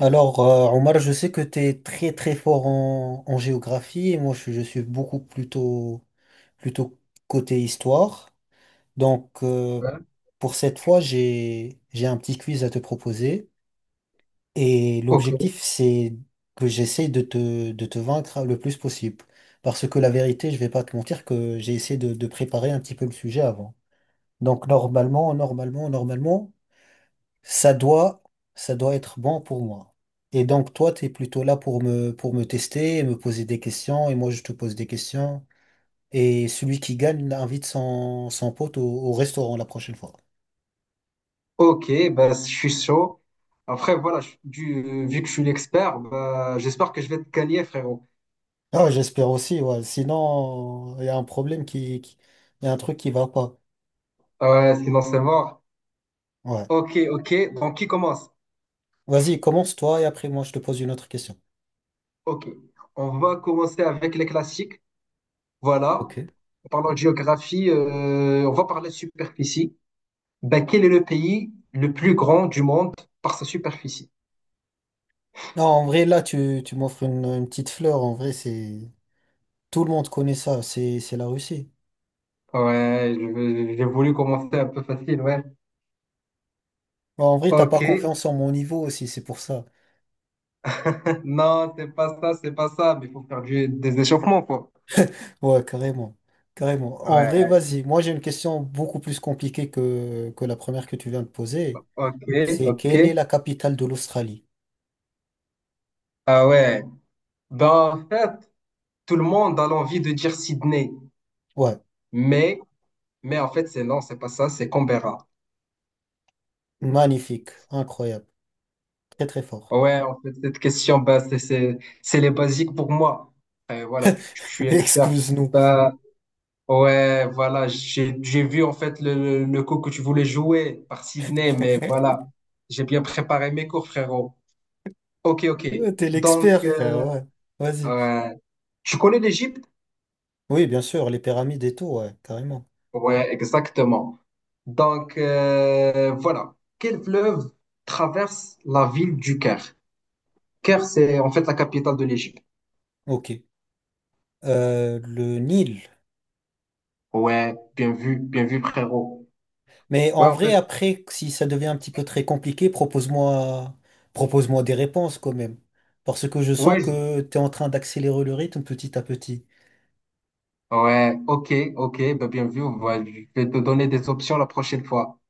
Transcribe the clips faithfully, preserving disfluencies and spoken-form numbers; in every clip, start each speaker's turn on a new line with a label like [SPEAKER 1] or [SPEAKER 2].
[SPEAKER 1] Alors, euh, Omar, je sais que tu es très très fort en, en géographie et moi je, je suis beaucoup plutôt plutôt côté histoire. Donc, euh,
[SPEAKER 2] Ouais.
[SPEAKER 1] pour cette fois, j'ai j'ai un petit quiz à te proposer et
[SPEAKER 2] Ok,
[SPEAKER 1] l'objectif c'est que j'essaye de te, de te vaincre le plus possible. Parce que la vérité, je vais pas te mentir que j'ai essayé de, de préparer un petit peu le sujet avant. Donc, normalement, normalement, normalement, ça doit, ça doit être bon pour moi. Et donc, toi, tu es plutôt là pour me, pour me tester et me poser des questions, et moi, je te pose des questions. Et celui qui gagne invite son, son pote au, au restaurant la prochaine fois.
[SPEAKER 2] ok, bah, je suis chaud. Après, voilà, je- du, vu que je suis l'expert, bah, j'espère que je vais te gagner, frérot.
[SPEAKER 1] Ah, ouais, j'espère aussi, ouais. Sinon, il y a un problème qui, qui- il y a un truc qui va pas.
[SPEAKER 2] Ah ouais, sinon c'est mort.
[SPEAKER 1] Ouais.
[SPEAKER 2] Ok, ok, donc qui commence?
[SPEAKER 1] Vas-y, commence toi, et après, moi, je te pose une autre question.
[SPEAKER 2] Ok, on va commencer avec les classiques. Voilà,
[SPEAKER 1] Ok.
[SPEAKER 2] en parlant de géographie, euh, on va parler de superficie. Bah, quel est le pays le plus grand du monde par sa superficie?
[SPEAKER 1] Non, en vrai, là, tu, tu m'offres une, une petite fleur. En vrai, c'est... Tout le monde connaît ça. C'est, c'est la Russie.
[SPEAKER 2] Ouais, je- j'ai voulu commencer un peu facile, ouais.
[SPEAKER 1] Bon, en vrai, t'as
[SPEAKER 2] Ok,
[SPEAKER 1] pas confiance en mon niveau aussi, c'est pour ça.
[SPEAKER 2] non, c'est pas ça, c'est pas ça, mais il faut faire du, des échauffements, quoi.
[SPEAKER 1] Ouais, carrément. Carrément. En vrai,
[SPEAKER 2] Ouais,
[SPEAKER 1] vas-y. Moi, j'ai une question beaucoup plus compliquée que, que la première que tu viens de poser.
[SPEAKER 2] ok,
[SPEAKER 1] C'est
[SPEAKER 2] ok.
[SPEAKER 1] quelle est la capitale de l'Australie?
[SPEAKER 2] Ah ouais. Ben, en fait, tout le monde a l'envie de dire Sydney,
[SPEAKER 1] Ouais,
[SPEAKER 2] mais, mais en fait, c'est non, c'est pas ça, c'est Canberra.
[SPEAKER 1] magnifique, incroyable, très très fort.
[SPEAKER 2] Ouais, en fait, cette question, ben, c'est, c'est, c'est les basiques pour moi. Et voilà, je je suis expert.
[SPEAKER 1] Excuse-nous.
[SPEAKER 2] Ben, ouais, voilà, j'ai, j'ai vu en fait le, le coup que tu voulais jouer par Sydney, mais voilà, j'ai bien préparé mes cours, frérot. Ok, ok.
[SPEAKER 1] Ouais, t'es
[SPEAKER 2] Donc,
[SPEAKER 1] l'expert, frère,
[SPEAKER 2] euh,
[SPEAKER 1] ouais. Vas-y.
[SPEAKER 2] ouais. Tu connais l'Égypte?
[SPEAKER 1] Oui, bien sûr, les pyramides et tout, ouais, carrément.
[SPEAKER 2] Ouais, exactement. Donc, euh, voilà. Quel fleuve traverse la ville du Caire? Caire, c'est en fait la capitale de l'Égypte.
[SPEAKER 1] Ok. Euh, le Nil.
[SPEAKER 2] Ouais, bien vu, bien vu, frérot.
[SPEAKER 1] Mais
[SPEAKER 2] Ouais,
[SPEAKER 1] en
[SPEAKER 2] en
[SPEAKER 1] vrai,
[SPEAKER 2] fait,
[SPEAKER 1] après, si ça devient un petit peu très compliqué, propose-moi, propose-moi des réponses quand même. Parce que je
[SPEAKER 2] ouais,
[SPEAKER 1] sens
[SPEAKER 2] je-
[SPEAKER 1] que tu es en train d'accélérer le rythme petit à petit.
[SPEAKER 2] ouais, ok, ok, bah bien vu. Ouais, je vais te donner des options la prochaine fois.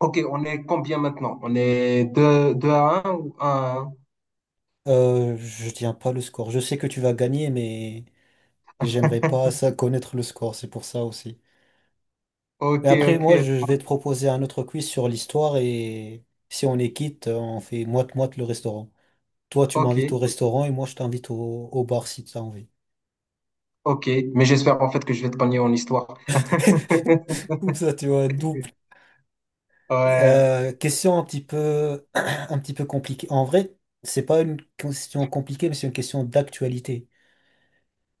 [SPEAKER 2] Ok, on est combien maintenant? On est deux deux à un ou un à un?
[SPEAKER 1] Euh, je tiens pas le score. Je sais que tu vas gagner, mais j'aimerais pas ça connaître le score, c'est pour ça aussi.
[SPEAKER 2] Ok,
[SPEAKER 1] Mais après,
[SPEAKER 2] ok,
[SPEAKER 1] moi, je je vais te proposer un autre quiz sur l'histoire et si on est quitte, on fait moite-moite le restaurant. Toi, tu
[SPEAKER 2] ok,
[SPEAKER 1] m'invites au restaurant et moi, je t'invite au, au bar si tu as envie.
[SPEAKER 2] ok. Mais j'espère en fait que je vais te gagner en histoire.
[SPEAKER 1] Comme ça, tu vois, double.
[SPEAKER 2] Ouais.
[SPEAKER 1] Euh, question un petit peu, un petit peu compliquée. En vrai, c'est pas une question compliquée, mais c'est une question d'actualité.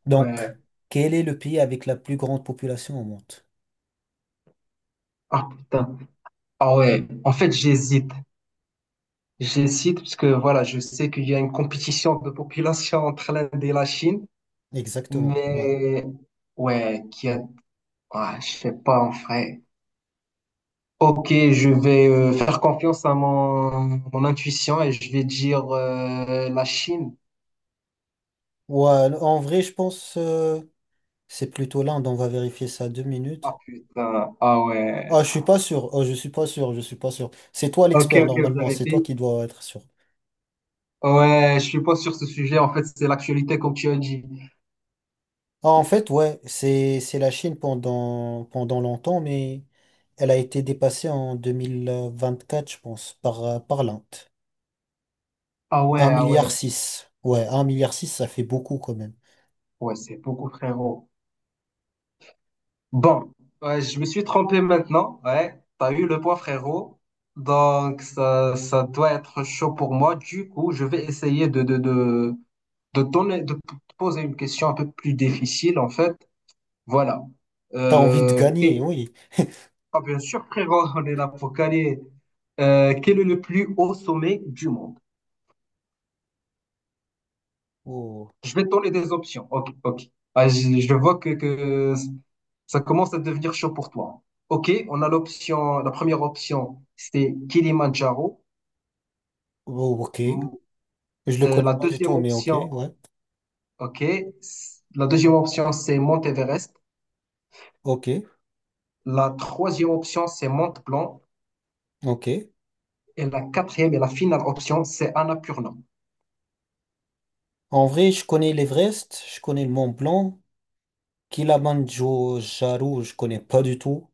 [SPEAKER 1] Donc,
[SPEAKER 2] Ouais.
[SPEAKER 1] quel est le pays avec la plus grande population au monde?
[SPEAKER 2] Ah putain. Ah ouais. En fait, j'hésite. J'hésite parce que voilà, je sais qu'il y a une compétition de population entre l'Inde et la Chine,
[SPEAKER 1] Exactement. Ouais.
[SPEAKER 2] mais ouais, qui a... ah, je sais pas en vrai. Ok, je vais euh, faire confiance à mon, mon intuition et je vais dire euh, la Chine.
[SPEAKER 1] Ouais, en vrai, je pense euh, c'est plutôt l'Inde. On va vérifier ça deux
[SPEAKER 2] Ah
[SPEAKER 1] minutes.
[SPEAKER 2] putain. Ah
[SPEAKER 1] Ah,
[SPEAKER 2] ouais.
[SPEAKER 1] je suis pas sûr. Oh, je suis pas sûr. Je suis pas sûr. C'est toi
[SPEAKER 2] Ok,
[SPEAKER 1] l'expert
[SPEAKER 2] ok, vous
[SPEAKER 1] normalement.
[SPEAKER 2] avez
[SPEAKER 1] C'est toi
[SPEAKER 2] fait.
[SPEAKER 1] qui dois être sûr.
[SPEAKER 2] Ouais, je suis pas sur ce sujet. En fait, c'est l'actualité, comme tu as dit.
[SPEAKER 1] Ah, en fait, ouais, c'est c'est la Chine pendant pendant longtemps, mais elle a été dépassée en deux mille vingt-quatre, je pense, par euh, par l'Inde.
[SPEAKER 2] Ah ouais,
[SPEAKER 1] Un
[SPEAKER 2] ah
[SPEAKER 1] milliard
[SPEAKER 2] ouais.
[SPEAKER 1] six, ouais, un milliard six, ça fait beaucoup quand même.
[SPEAKER 2] Ouais, c'est beaucoup, frérot. Bon, ouais, je me suis trompé maintenant. Ouais, t'as eu le point, frérot. Donc, ça, ça doit être chaud pour moi. Du coup, je vais essayer de, de, de, de donner, de p- poser une question un peu plus difficile, en fait. Voilà.
[SPEAKER 1] T'as envie de
[SPEAKER 2] Euh,
[SPEAKER 1] gagner,
[SPEAKER 2] que-
[SPEAKER 1] oui.
[SPEAKER 2] Ah, bien sûr, frérot, on est là pour gagner. Euh, quel est le plus haut sommet du monde?
[SPEAKER 1] Oh,
[SPEAKER 2] Je vais te donner des options. Ok, ok. Ah, je, je vois que, que ça commence à devenir chaud pour toi. Ok, on a l'option, la première option, c'est Kilimandjaro.
[SPEAKER 1] oh, ok.
[SPEAKER 2] M-
[SPEAKER 1] Je le
[SPEAKER 2] euh,
[SPEAKER 1] connais
[SPEAKER 2] la
[SPEAKER 1] pas du
[SPEAKER 2] deuxième
[SPEAKER 1] tout, mais ok,
[SPEAKER 2] option,
[SPEAKER 1] ouais.
[SPEAKER 2] ok, s- la deuxième option, c'est Mont Everest.
[SPEAKER 1] Ok,
[SPEAKER 2] La troisième option, c'est Mont Blanc.
[SPEAKER 1] ok.
[SPEAKER 2] Et la quatrième et la finale option, c'est Annapurna.
[SPEAKER 1] En vrai, je connais l'Everest, je connais le Mont Blanc, Kilimandjaro, je connais pas du tout.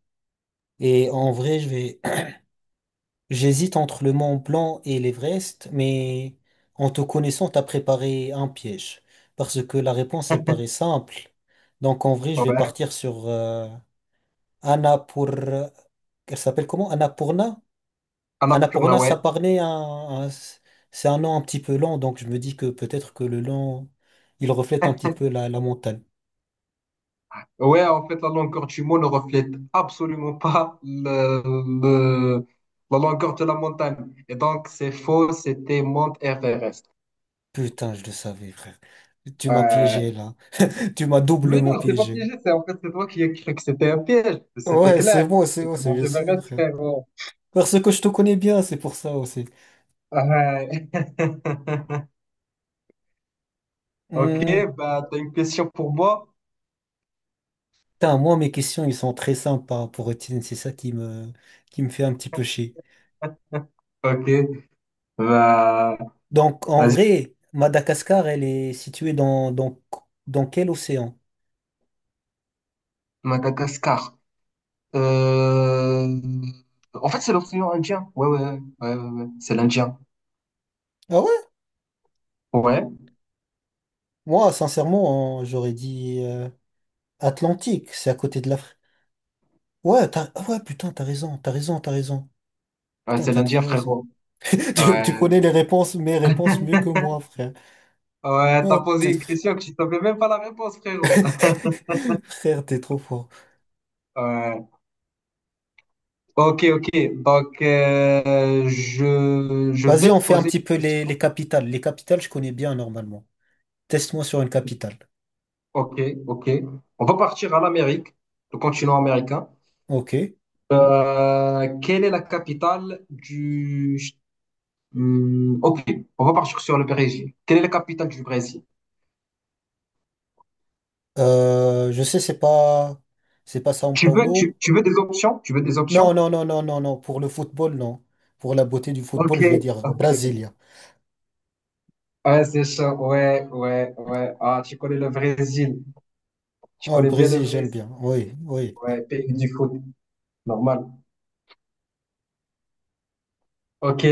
[SPEAKER 1] Et en vrai, je vais j'hésite entre le Mont Blanc et l'Everest, mais en te connaissant, t'as préparé un piège. Parce que la réponse, elle paraît simple. Donc en vrai, je vais
[SPEAKER 2] Ouais,
[SPEAKER 1] partir sur euh, Annapur... Elle s'appelle comment? Annapurna?
[SPEAKER 2] Annapurna,
[SPEAKER 1] Annapurna,
[SPEAKER 2] ouais.
[SPEAKER 1] ça parlait un... un- c'est un nom un petit peu lent, donc je me dis que peut-être que le nom, il reflète un petit peu la, la montagne.
[SPEAKER 2] Ouais, en fait, la longueur du mot ne reflète absolument pas le, le- la longueur de la montagne. Et donc, c'est faux, c'était Mount Everest.
[SPEAKER 1] Putain, je le savais, frère. Tu m'as
[SPEAKER 2] Euh,
[SPEAKER 1] piégé là. Tu m'as
[SPEAKER 2] mais non,
[SPEAKER 1] doublement
[SPEAKER 2] je pas
[SPEAKER 1] piégé.
[SPEAKER 2] piégé, c'est en fait, c'est toi qui as cru que c'était un piège. C'était
[SPEAKER 1] Ouais, c'est
[SPEAKER 2] clair,
[SPEAKER 1] bon, c'est bon,
[SPEAKER 2] c'était
[SPEAKER 1] c'est
[SPEAKER 2] Mount
[SPEAKER 1] je sais,
[SPEAKER 2] Everest,
[SPEAKER 1] frère.
[SPEAKER 2] frérot.
[SPEAKER 1] Parce que je te connais bien, c'est pour ça aussi.
[SPEAKER 2] Ouais. Ok,
[SPEAKER 1] Hmm,
[SPEAKER 2] bah, t'as une question pour moi?
[SPEAKER 1] putain, moi, mes questions, ils sont très simples par rapport aux tiennes. C'est ça qui me, qui me fait un petit peu chier.
[SPEAKER 2] Ok, bah,
[SPEAKER 1] Donc, en
[SPEAKER 2] vas-y,
[SPEAKER 1] vrai, Madagascar, elle est située dans, dans, dans quel océan?
[SPEAKER 2] Madagascar. Euh, En fait, c'est l'océan Indien. Ouais, ouais, ouais, ouais, ouais. Ouais. C'est l'Indien.
[SPEAKER 1] Ah ouais?
[SPEAKER 2] Ouais,
[SPEAKER 1] Moi, sincèrement, hein, j'aurais dit euh, Atlantique. C'est à côté de l'Afrique. Ouais, t'as, ah ouais, putain, t'as raison, t'as raison, t'as raison.
[SPEAKER 2] ouais,
[SPEAKER 1] Putain,
[SPEAKER 2] c'est
[SPEAKER 1] t'as
[SPEAKER 2] l'Indien,
[SPEAKER 1] trop raison.
[SPEAKER 2] frérot.
[SPEAKER 1] Tu, tu
[SPEAKER 2] Ouais.
[SPEAKER 1] connais les réponses, mes réponses mieux que moi, frère.
[SPEAKER 2] Ouais, t'as
[SPEAKER 1] Oh,
[SPEAKER 2] posé une
[SPEAKER 1] t'es-
[SPEAKER 2] question que tu savais même pas la réponse, frérot.
[SPEAKER 1] frère, t'es trop fort.
[SPEAKER 2] Ouais. Ok, ok. Donc, euh, je, je
[SPEAKER 1] Vas-y,
[SPEAKER 2] vais te
[SPEAKER 1] on fait un
[SPEAKER 2] poser
[SPEAKER 1] petit peu
[SPEAKER 2] une
[SPEAKER 1] les,
[SPEAKER 2] question.
[SPEAKER 1] les capitales. Les capitales, je connais bien normalement. Teste-moi sur une capitale.
[SPEAKER 2] Ok, ok. On va partir à l'Amérique, le continent américain.
[SPEAKER 1] Ok.
[SPEAKER 2] Euh, quelle est la capitale du... Hmm, ok, on va partir sur le Brésil. Quelle est la capitale du Brésil?
[SPEAKER 1] Euh, je sais, c'est pas, c'est pas São
[SPEAKER 2] Tu veux,
[SPEAKER 1] Paulo.
[SPEAKER 2] tu, tu veux des options? Tu veux des
[SPEAKER 1] Non,
[SPEAKER 2] options?
[SPEAKER 1] non, non, non, non, non. Pour le football, non. Pour la beauté du
[SPEAKER 2] Ok,
[SPEAKER 1] football, je vais dire
[SPEAKER 2] ok.
[SPEAKER 1] Brasilia.
[SPEAKER 2] Ouais, c'est chaud. Ouais, ouais, ouais. Ah, tu connais le Brésil. Tu
[SPEAKER 1] Non, le
[SPEAKER 2] connais bien le
[SPEAKER 1] Brésil, j'aime
[SPEAKER 2] Brésil.
[SPEAKER 1] bien. Oui, oui.
[SPEAKER 2] Ouais, pays du foot. Normal. Ok.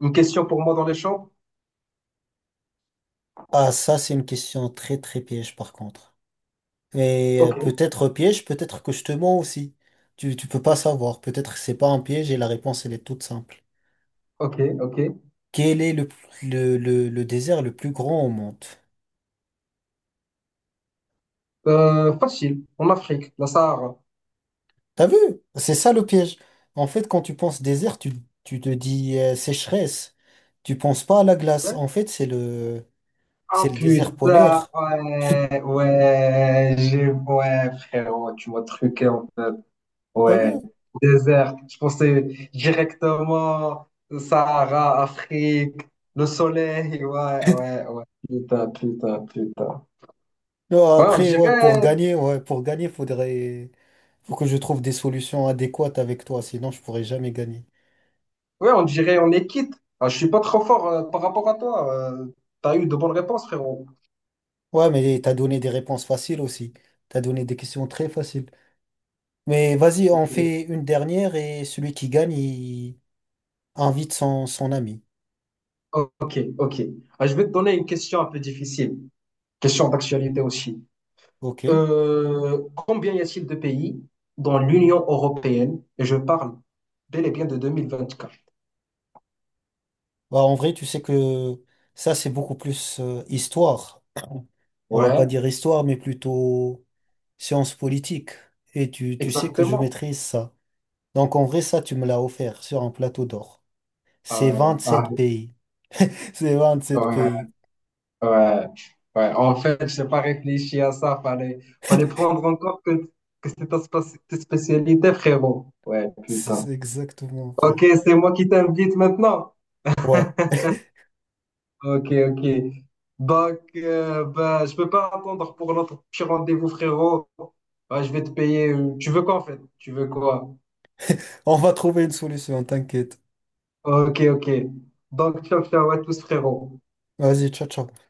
[SPEAKER 2] Une question pour moi dans les champs?
[SPEAKER 1] Ah, ça, c'est une question très, très piège, par contre. Mais euh,
[SPEAKER 2] Ok,
[SPEAKER 1] peut-être piège, peut-être que je te mens aussi. Tu, tu peux pas savoir. Peut-être que c'est pas un piège et la réponse, elle est toute simple.
[SPEAKER 2] ok, ok.
[SPEAKER 1] Quel est le, le, le, le désert le plus grand au monde?
[SPEAKER 2] Euh, facile. En Afrique, la Sahara.
[SPEAKER 1] T'as vu? C'est ça le piège. En fait, quand tu penses désert, tu, tu te dis euh, sécheresse. Tu penses pas à la glace.
[SPEAKER 2] Ouais.
[SPEAKER 1] En fait, c'est le,
[SPEAKER 2] Ah
[SPEAKER 1] c'est le désert
[SPEAKER 2] putain,
[SPEAKER 1] polaire.
[SPEAKER 2] ouais, ouais, j'ai, ouais, frérot, tu m'as truqué en fait.
[SPEAKER 1] T'as
[SPEAKER 2] Ouais,
[SPEAKER 1] vu?
[SPEAKER 2] désert. Je pensais directement Sahara, Afrique, le soleil. Ouais, ouais, ouais. Putain, putain, putain.
[SPEAKER 1] Non,
[SPEAKER 2] Ouais, on
[SPEAKER 1] après, ouais, pour
[SPEAKER 2] dirait,
[SPEAKER 1] gagner, ouais, pour gagner, faudrait, faut que je trouve des solutions adéquates avec toi, sinon je pourrais jamais gagner.
[SPEAKER 2] ouais, on dirait, on est quitte. Ah, je suis pas trop fort euh, par rapport à toi. Euh, t'as eu de bonnes réponses, frérot.
[SPEAKER 1] Ouais, mais t'as donné des réponses faciles aussi. T'as donné des questions très faciles. Mais vas-y, on
[SPEAKER 2] Ok,
[SPEAKER 1] fait une dernière et celui qui gagne, il invite son, son ami.
[SPEAKER 2] ok. Ok. Ah, je vais te donner une question un peu difficile. Question d'actualité aussi.
[SPEAKER 1] Ok?
[SPEAKER 2] Euh, combien y a-t-il de pays dans l'Union européenne? Et je parle bel et bien de deux mille vingt-quatre.
[SPEAKER 1] Bah, en vrai, tu sais que ça, c'est beaucoup plus euh, histoire. On va pas
[SPEAKER 2] Ouais.
[SPEAKER 1] dire histoire, mais plutôt science politique. Et tu, tu sais que je
[SPEAKER 2] Exactement.
[SPEAKER 1] maîtrise ça. Donc, en vrai, ça, tu me l'as offert sur un plateau d'or.
[SPEAKER 2] Ah
[SPEAKER 1] C'est
[SPEAKER 2] ouais, ah
[SPEAKER 1] vingt-sept pays. C'est vingt-sept
[SPEAKER 2] ouais,
[SPEAKER 1] pays.
[SPEAKER 2] ouais, ouais. En fait, j'ai pas réfléchi à ça. Fallait, fallait prendre encore que, que c'était ta spéc- ta spécialité, frérot. Ouais,
[SPEAKER 1] C'est c'est
[SPEAKER 2] putain.
[SPEAKER 1] exactement, frère.
[SPEAKER 2] Ok, c'est moi qui t'invite maintenant.
[SPEAKER 1] Ouais.
[SPEAKER 2] Ok, ok. Donc, euh, bah, je peux pas attendre pour notre petit rendez-vous, frérot. Ouais, je vais te payer. euh, Tu veux quoi, en fait? Tu veux quoi?
[SPEAKER 1] On va trouver une solution, t'inquiète.
[SPEAKER 2] Ok, ok. Donc, ciao, ciao à tous, frérot.
[SPEAKER 1] Vas-y, ciao, ciao.